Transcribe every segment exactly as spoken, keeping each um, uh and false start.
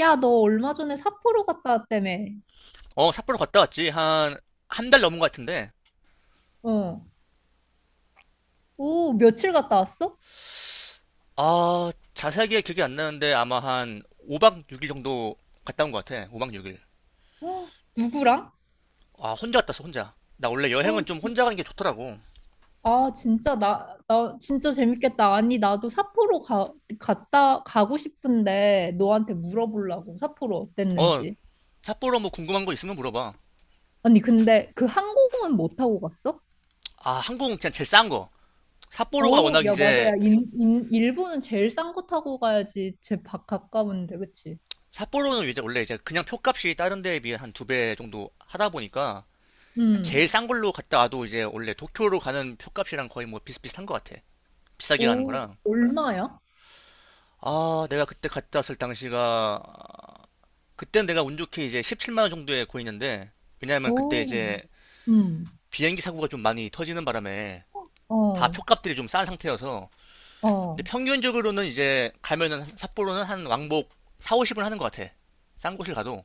야, 너 얼마 전에 삿포로 갔다 왔다며. 어, 삿포로 갔다 왔지. 한, 한 달 넘은 것 같은데. 어. 오, 며칠 갔다 왔어? 아, 자세하게 기억이 안 나는데 아마 한 오 박 육 일 정도 갔다 온 것 같아. 오 박 육 일. 어, 누구랑? 아, 혼자 갔다 왔어, 혼자. 나 원래 여행은 어, 좀 혼자 가는 게 좋더라고. 아, 진짜, 나, 나, 진짜 재밌겠다. 아니, 나도 삿포로 가, 갔다, 가고 싶은데, 너한테 물어보려고, 삿포로 어, 어땠는지. 삿포로 뭐 궁금한 거 있으면 물어봐. 아니, 근데 그 항공은 못 타고 갔어? 아, 항공 그냥 제일 싼 거. 삿포로가 어, 워낙 야, 맞아. 야, 이제, 인, 인, 일본은 제일 싼 거 타고 가야지. 제 바, 가까운데, 그치? 삿포로는 이제 원래 이제 그냥 표값이 다른 데에 비해 한 두 배 정도 하다 보니까 제일 음. 싼 걸로 갔다 와도 이제 원래 도쿄로 가는 표값이랑 거의 뭐 비슷비슷한 것 같아. 비싸게 가는 오, 거랑. 얼마야? 아, 내가 그때 갔다 왔을 당시가, 그때는 내가 운 좋게 이제 십칠만 원 정도에 구했는데, 왜냐하면 그때 오, 이제 음. 비행기 사고가 좀 많이 터지는 바람에 다 어, 표값들이 좀 싼 상태여서, 어. 근데 평균적으로는 이제 가면은 삿포로는 한 왕복 사, 오십은 하는 것 같아. 싼 곳을 가도.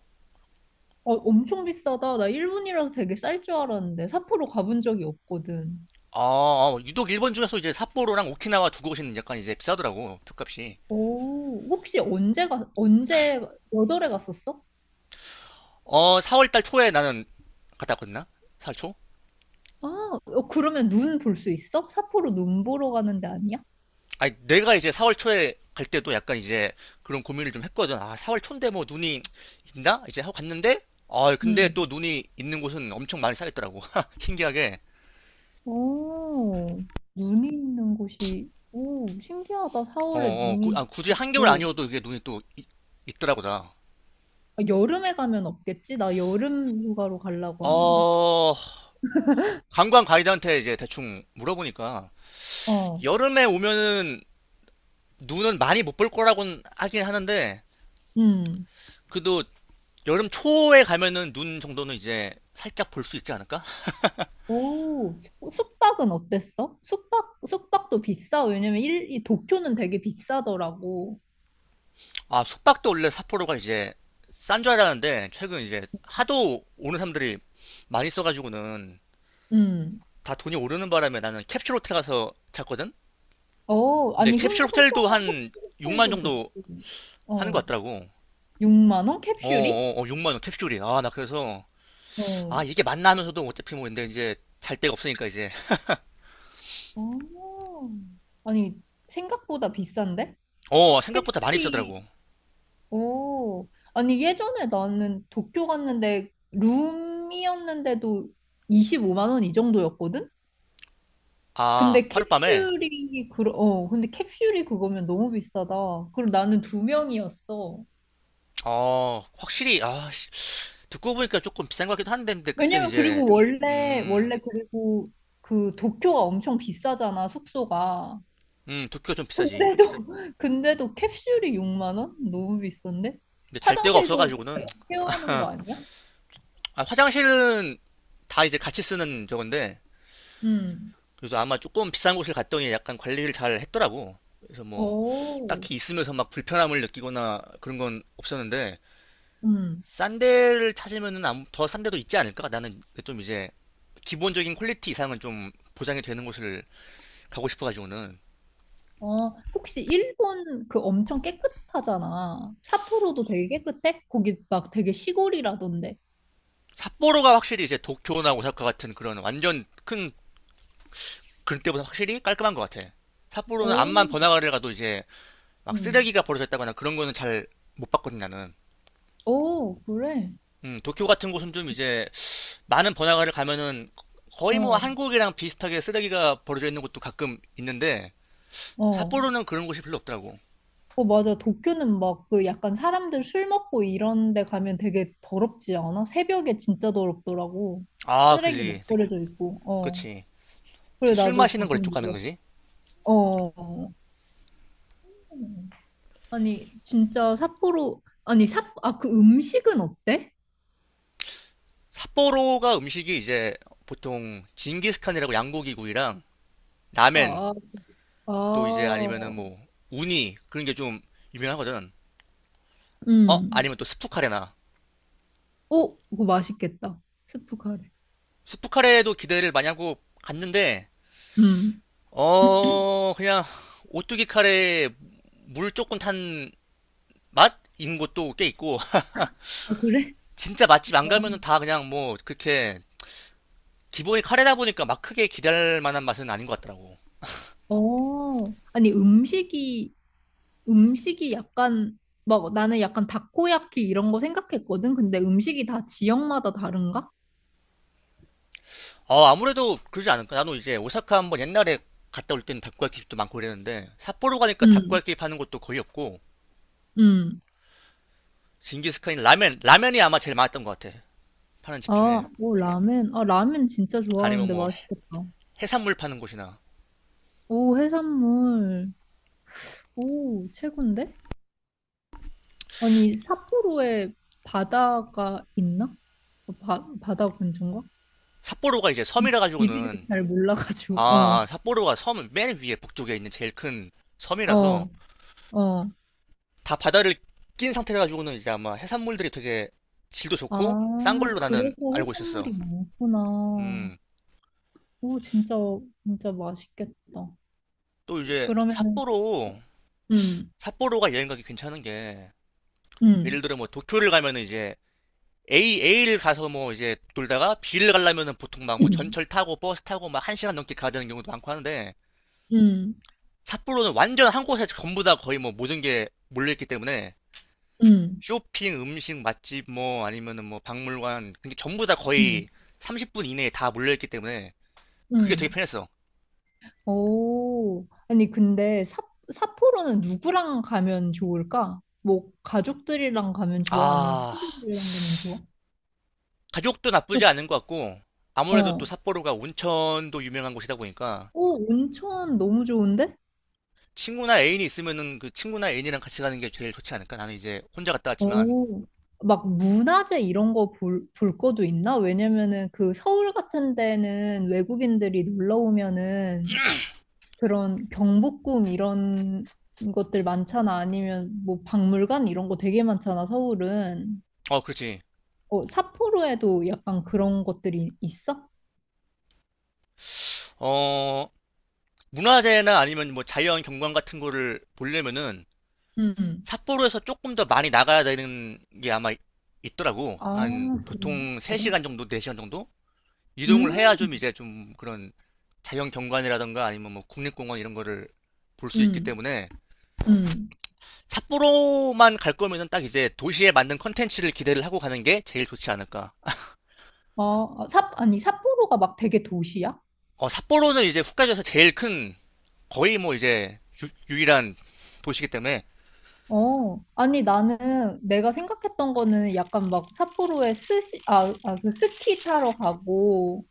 어, 엄청 비싸다. 나 일본이라서 되게 쌀 줄 알았는데 삿포로 가본 적이 없거든. 아, 아, 유독 일본 중에서 이제 삿포로랑 오키나와 두 곳은 약간 이제 비싸더라고, 표값이. 오, 혹시 언제 가, 언제 몇 월에 갔었어? 어, 사월 달 초에 나는 갔다 왔거든, 사월 초? 아, 어, 그러면 눈 볼 수 있어? 삿포로 눈 보러 가는 데 아니야? 아니, 내가 이제 사월 초에 갈 때도 약간 이제 그런 고민을 좀 했거든. 아, 사월 초인데 뭐 눈이 있나? 이제 하고 갔는데, 아, 근데 또 응. 눈이 있는 곳은 엄청 많이 쌓였더라고. 신기하게. 오, 눈이 있는 곳이, 오, 신기하다. 어, 사월에 어, 구- 눈이 아, 굳이 한겨울 있고. 아니어도 이게 눈이 또 있, 있더라고, 나. 아, 여름에 가면 없겠지? 나 여름 휴가로 가려고 하는데. 어, 관광 가이드한테 이제 대충 물어보니까, 어, 여름에 오면은 눈은 많이 못 볼 거라고는 하긴 하는데, 응. 그래도 여름 초에 가면은 눈 정도는 이제 살짝 볼 수 있지 않을까? 오, 숙- 숙박은 어땠어? 숙박, 숙박도 비싸. 왜냐면 일, 이 도쿄는 되게 비싸더라고. 아, 숙박도 원래 삿포로가 이제 싼 줄 알았는데 최근 이제 하도 오는 사람들이 많이 써가지고는 음. 다 돈이 오르는 바람에 나는 캡슐 호텔 가서 잤거든? 어, 근데 아니, 혼, 캡슐 혼자 호텔도 하면 한 캡슐 육만 호텔도 좋지. 정도 하는 것 어, 같더라고. 육만 원 어, 캡슐이? 어, 어, 육만 원 캡슐이. 아, 나 그래서 아, 어. 이게 맞나 하면서도 어차피 뭐 근데 이제 잘 데가 없으니까 이제. 어. 아니, 생각보다 비싼데? 어, 생각보다 많이 캡슐이, 비싸더라고. 오. 아니, 예전에 나는 도쿄 갔는데 룸이었는데도 이십오만 원 이 정도였거든? 아, 근데 하룻밤에. 캡슐이 그 어, 근데 캡슐이 그거면 너무 비싸다. 그럼 나는 두 명이었어. 어, 확실히 아, 씨, 듣고 보니까 조금 비싼 것 같기도 한데 근데 그때는 왜냐면 이제 그리고 원래 음, 원래 그리고 그 도쿄가 엄청 비싸잖아, 숙소가. 음, 두께가 좀 근데도 비싸지. 근데도 캡슐이 육만 원? 너무 비싼데? 근데 잘 데가 화장실도 없어가지고는. 같이 세워는거 아니야? 아, 화장실은 다 이제 같이 쓰는 저건데 음. 그래서 아마 조금 비싼 곳을 갔더니 약간 관리를 잘 했더라고. 그래서 뭐 오. 딱히 있으면서 막 불편함을 느끼거나 그런 건 없었는데 음. 싼 데를 찾으면은 더 싼 데도 있지 않을까? 나는 좀 이제 기본적인 퀄리티 이상은 좀 보장이 되는 곳을 가고 싶어가지고는. 어, 혹시 일본 그 엄청 깨끗하잖아. 삿포로도 되게 깨끗해? 거기 막 되게 시골이라던데. 삿포로가 확실히 이제 도쿄나 오사카 같은 그런 완전 큰 그런 때보다 확실히 깔끔한 것 같아. 삿포로는 암만 오. 번화가를 가도 이제 막 음. 쓰레기가 버려졌다거나 그런 거는 잘 못 봤거든 나는. 오, 그래? 음, 도쿄 같은 곳은 좀 이제 많은 번화가를 가면은 거의 뭐 어, 한국이랑 비슷하게 쓰레기가 버려져 있는 곳도 가끔 있는데 어. 삿포로는 그런 곳이 별로 없더라고. 어, 맞아. 도쿄는 막 그 약간 사람들 술 먹고 이런 데 가면 되게 더럽지 않아? 새벽에 진짜 더럽더라고. 아, 쓰레기 막 그지. 특- 버려져 있고. 어. 그렇지. 그래, 특히 술 나도 마시는 그거 거 좀 이쪽 가면 놀랐어. 그지? 어. 어. 아니, 진짜 삿포로, 아니, 삿, 아, 그 음식은 어때? 삿포로가 음식이 이제 보통 징기스칸이라고 양고기 구이랑 라멘 아, 아, 또 이제 아. 아니면은 뭐 우니 그런 게 좀 유명하거든. 어? 음. 아니면 또 스프 카레나. 어, 그거 맛있겠다. 스프 카레. 스프 카레도 기대를 많이 하고 갔는데 음. 어, 그냥 오뚜기 카레에 물 조금 탄 맛인 곳도 꽤 있고. 아, 그래? 진짜 맛집 안 어, 가면은 다 그냥 뭐 그렇게 기본이 카레다 보니까 막 크게 기대할 만한 맛은 아닌 것 같더라고. 어. 아니, 음식이 음식이 약간 막 나는 약간 다코야키 이런 거 생각했거든. 근데 음식이 다 지역마다 다른가? 어, 아무래도 그러지 않을까? 나도 이제 오사카 한번 옛날에 갔다 올 때는 닭야끼 집도 많고 그랬는데 삿포로 가니까 닭야 응, 끼 파는 곳도 거의 없고 응. 징기스칸이 라면 라면이 아마 제일 많았던 것 같아. 파는 집 중에 아, 오, 라멘. 아, 라멘 진짜 아니면 좋아하는데 뭐 맛있겠다. 해산물 파는 곳이나. 오, 해산물. 오, 최고인데? 아니, 삿포로에 바다가 있나? 어, 바, 바다 근처인가? 삿포로가 이제 지- 섬이라 지리를 가지고는 잘 아, 몰라가지고. 아, 어, 삿포로가 섬 맨 위에 북쪽에 있는 제일 큰 섬이라서 어, 어. 다 바다를 낀 상태라 가지고는 이제 아마 해산물들이 되게 질도 좋고 싼 아, 걸로 나는 그래서 알고 있었어. 해산물이 많구나. 음, 오, 진짜, 진짜 맛있겠다. 또 이제 그러면은, 어, 삿포로 음, 삿포로가 여행 가기 괜찮은 게 예를 음, 들어 뭐 도쿄를 가면은 이제 A A를 가서 뭐 이제 돌다가 B를 가려면은 보통 막 뭐 음, 전철 타고 버스 타고 막 한 시간 넘게 가야 되는 경우도 많고 하는데 음, 삿포로는 완전 한 곳에 전부 다 거의 뭐 모든 게 몰려 있기 때문에 음, 쇼핑, 음식, 맛집, 뭐, 아니면은 뭐, 박물관. 그게 전부 다 거의 음, 삼십 분 이내에 다 몰려있기 때문에 그게 되게 음. 편했어. 오, 아니, 근데 삿 삿포로는 누구랑 가면 좋을까? 뭐, 가족들이랑 가면 좋아? 아니면 아, 친구들이랑 가면 좋아? 가격도 나쁘지 않은 것 같고, 아무래도 또 어, 삿포로가 온천도 유명한 곳이다 보니까, 오, 온천 너무 좋은데? 친구나 애인이 있으면은 그 친구나 애인이랑 같이 가는 게 제일 좋지 않을까? 나는 이제 혼자 갔다 왔지만, 오, 막 문화재 이런 거 볼, 볼 것도 있나? 왜냐면은 그 서울 같은 데는 외국인들이 놀러 오면은 그런 경복궁 이런 것들 많잖아. 아니면 뭐 박물관 이런 거 되게 많잖아, 서울은. 어, 그렇지. 어, 삿포로에도 약간 그런 것들이 있어? 어, 문화재나 아니면 뭐 자연 경관 같은 거를 보려면은 응. 응. 삿포로에서 조금 더 많이 나가야 되는 게 아마 있더라고. 아, 한 그런, 보통 그런? 세 시간 정도, 네 시간 정도? 이동을 해야 음, 좀 이제 좀 그런 자연 경관이라던가 아니면 뭐 국립공원 이런 거를 볼 수 있기 음, 때문에 음. 삿포로만 갈 거면은 딱 이제 도시에 맞는 컨텐츠를 기대를 하고 가는 게 제일 좋지 않을까. 어, 어, 삿, 아니, 삿포로가 막 되게 도시야? 어, 삿포로는 이제 홋카이도에서 제일 큰 거의 뭐 이제 유, 일한 도시기 때문에. 어, 아니, 나는 내가 생각했던 거는 약간 막 삿포로에 스시, 아, 아, 그 스키 타러 가고,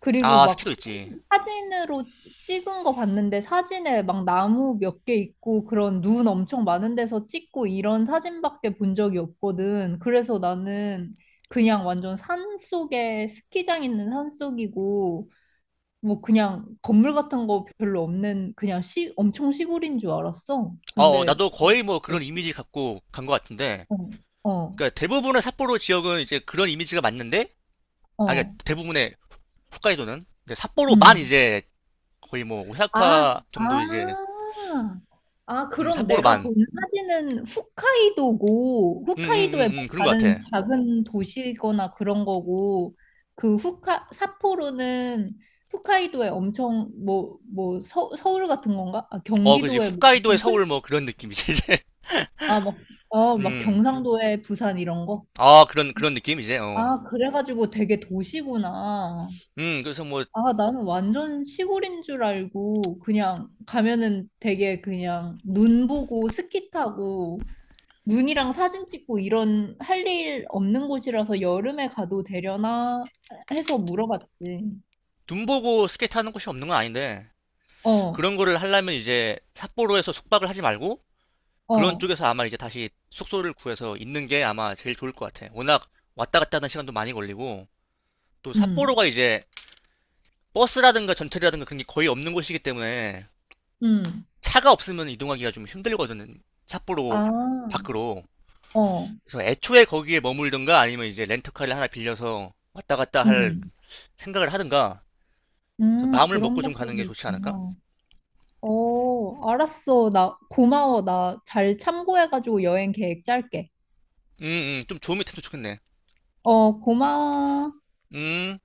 그리고 아, 막 스키도 있지. 사진, 사진으로 찍은 거 봤는데 사진에 막 나무 몇 개 있고 그런 눈 엄청 많은 데서 찍고 이런 사진밖에 본 적이 없거든. 그래서 나는 그냥 완전 산 속에 스키장 있는 산 속이고 뭐 그냥 건물 같은 거 별로 없는 그냥 시, 엄청 시골인 줄 알았어. 어, 어, 근데 나도 거의 뭐 그런 이미지 갖고 간 것 같은데 어, 어, 그러니까 대부분의 삿포로 지역은 이제 그런 이미지가 맞는데, 아, 그러니까 어, 대부분의 홋카이도는 삿포로만 음. 이제 거의 뭐 아, 오사카 정도 이제 아, 아, 음, 그럼 내가 삿포로만, 본 사진은 홋카이도고, 음, 음, 홋카이도의 음, 뭐 음, 그런 것 다른 같아. 작은 도시거나 그런 거고, 그 홋카, 삿포로는 홋카이도의 엄청, 뭐, 뭐, 서, 서울 같은 건가? 아, 어, 그지. 경기도의 뭐, 홋카이도의 엄청 큰, 서울 뭐 그런 느낌이지 이제. 아, 막, 아, 막 음, 경상도의 부산 이런 거? 아 그런 그런 느낌 이제. 어, 아, 그래가지고 되게 도시구나. 음, 그래서 뭐 아, 나는 완전 시골인 줄 알고 그냥 가면은 되게 그냥 눈 보고 스키 타고 눈이랑 사진 찍고 이런 할 일 없는 곳이라서 여름에 가도 되려나 해서 물어봤지. 눈 보고 스케이트 하는 곳이 없는 건 아닌데 어, 그런 거를 하려면 이제 삿포로에서 숙박을 하지 말고 그런 어, 쪽에서 아마 이제 다시 숙소를 구해서 있는 게 아마 제일 좋을 것 같아. 워낙 왔다 갔다 하는 시간도 많이 걸리고. 또 음, 삿포로가 이제 버스라든가 전철이라든가 그런 게 거의 없는 곳이기 때문에 음, 차가 없으면 이동하기가 좀 힘들거든요. 삿포로 아, 밖으로. 어, 그래서 애초에 거기에 머물든가 아니면 이제 렌터카를 하나 빌려서 왔다 갔다 할 음, 생각을 하든가. 그래서 음, 마음을 그런 먹고 좀 가는 방법이 게 좋지 않을까? 있구나. 어, 알았어. 나 고마워. 나 잘 참고해가지고 여행 계획 짤게. 음, 음, 좀 좋은 밑도 좋겠네. 어, 고마워. 음.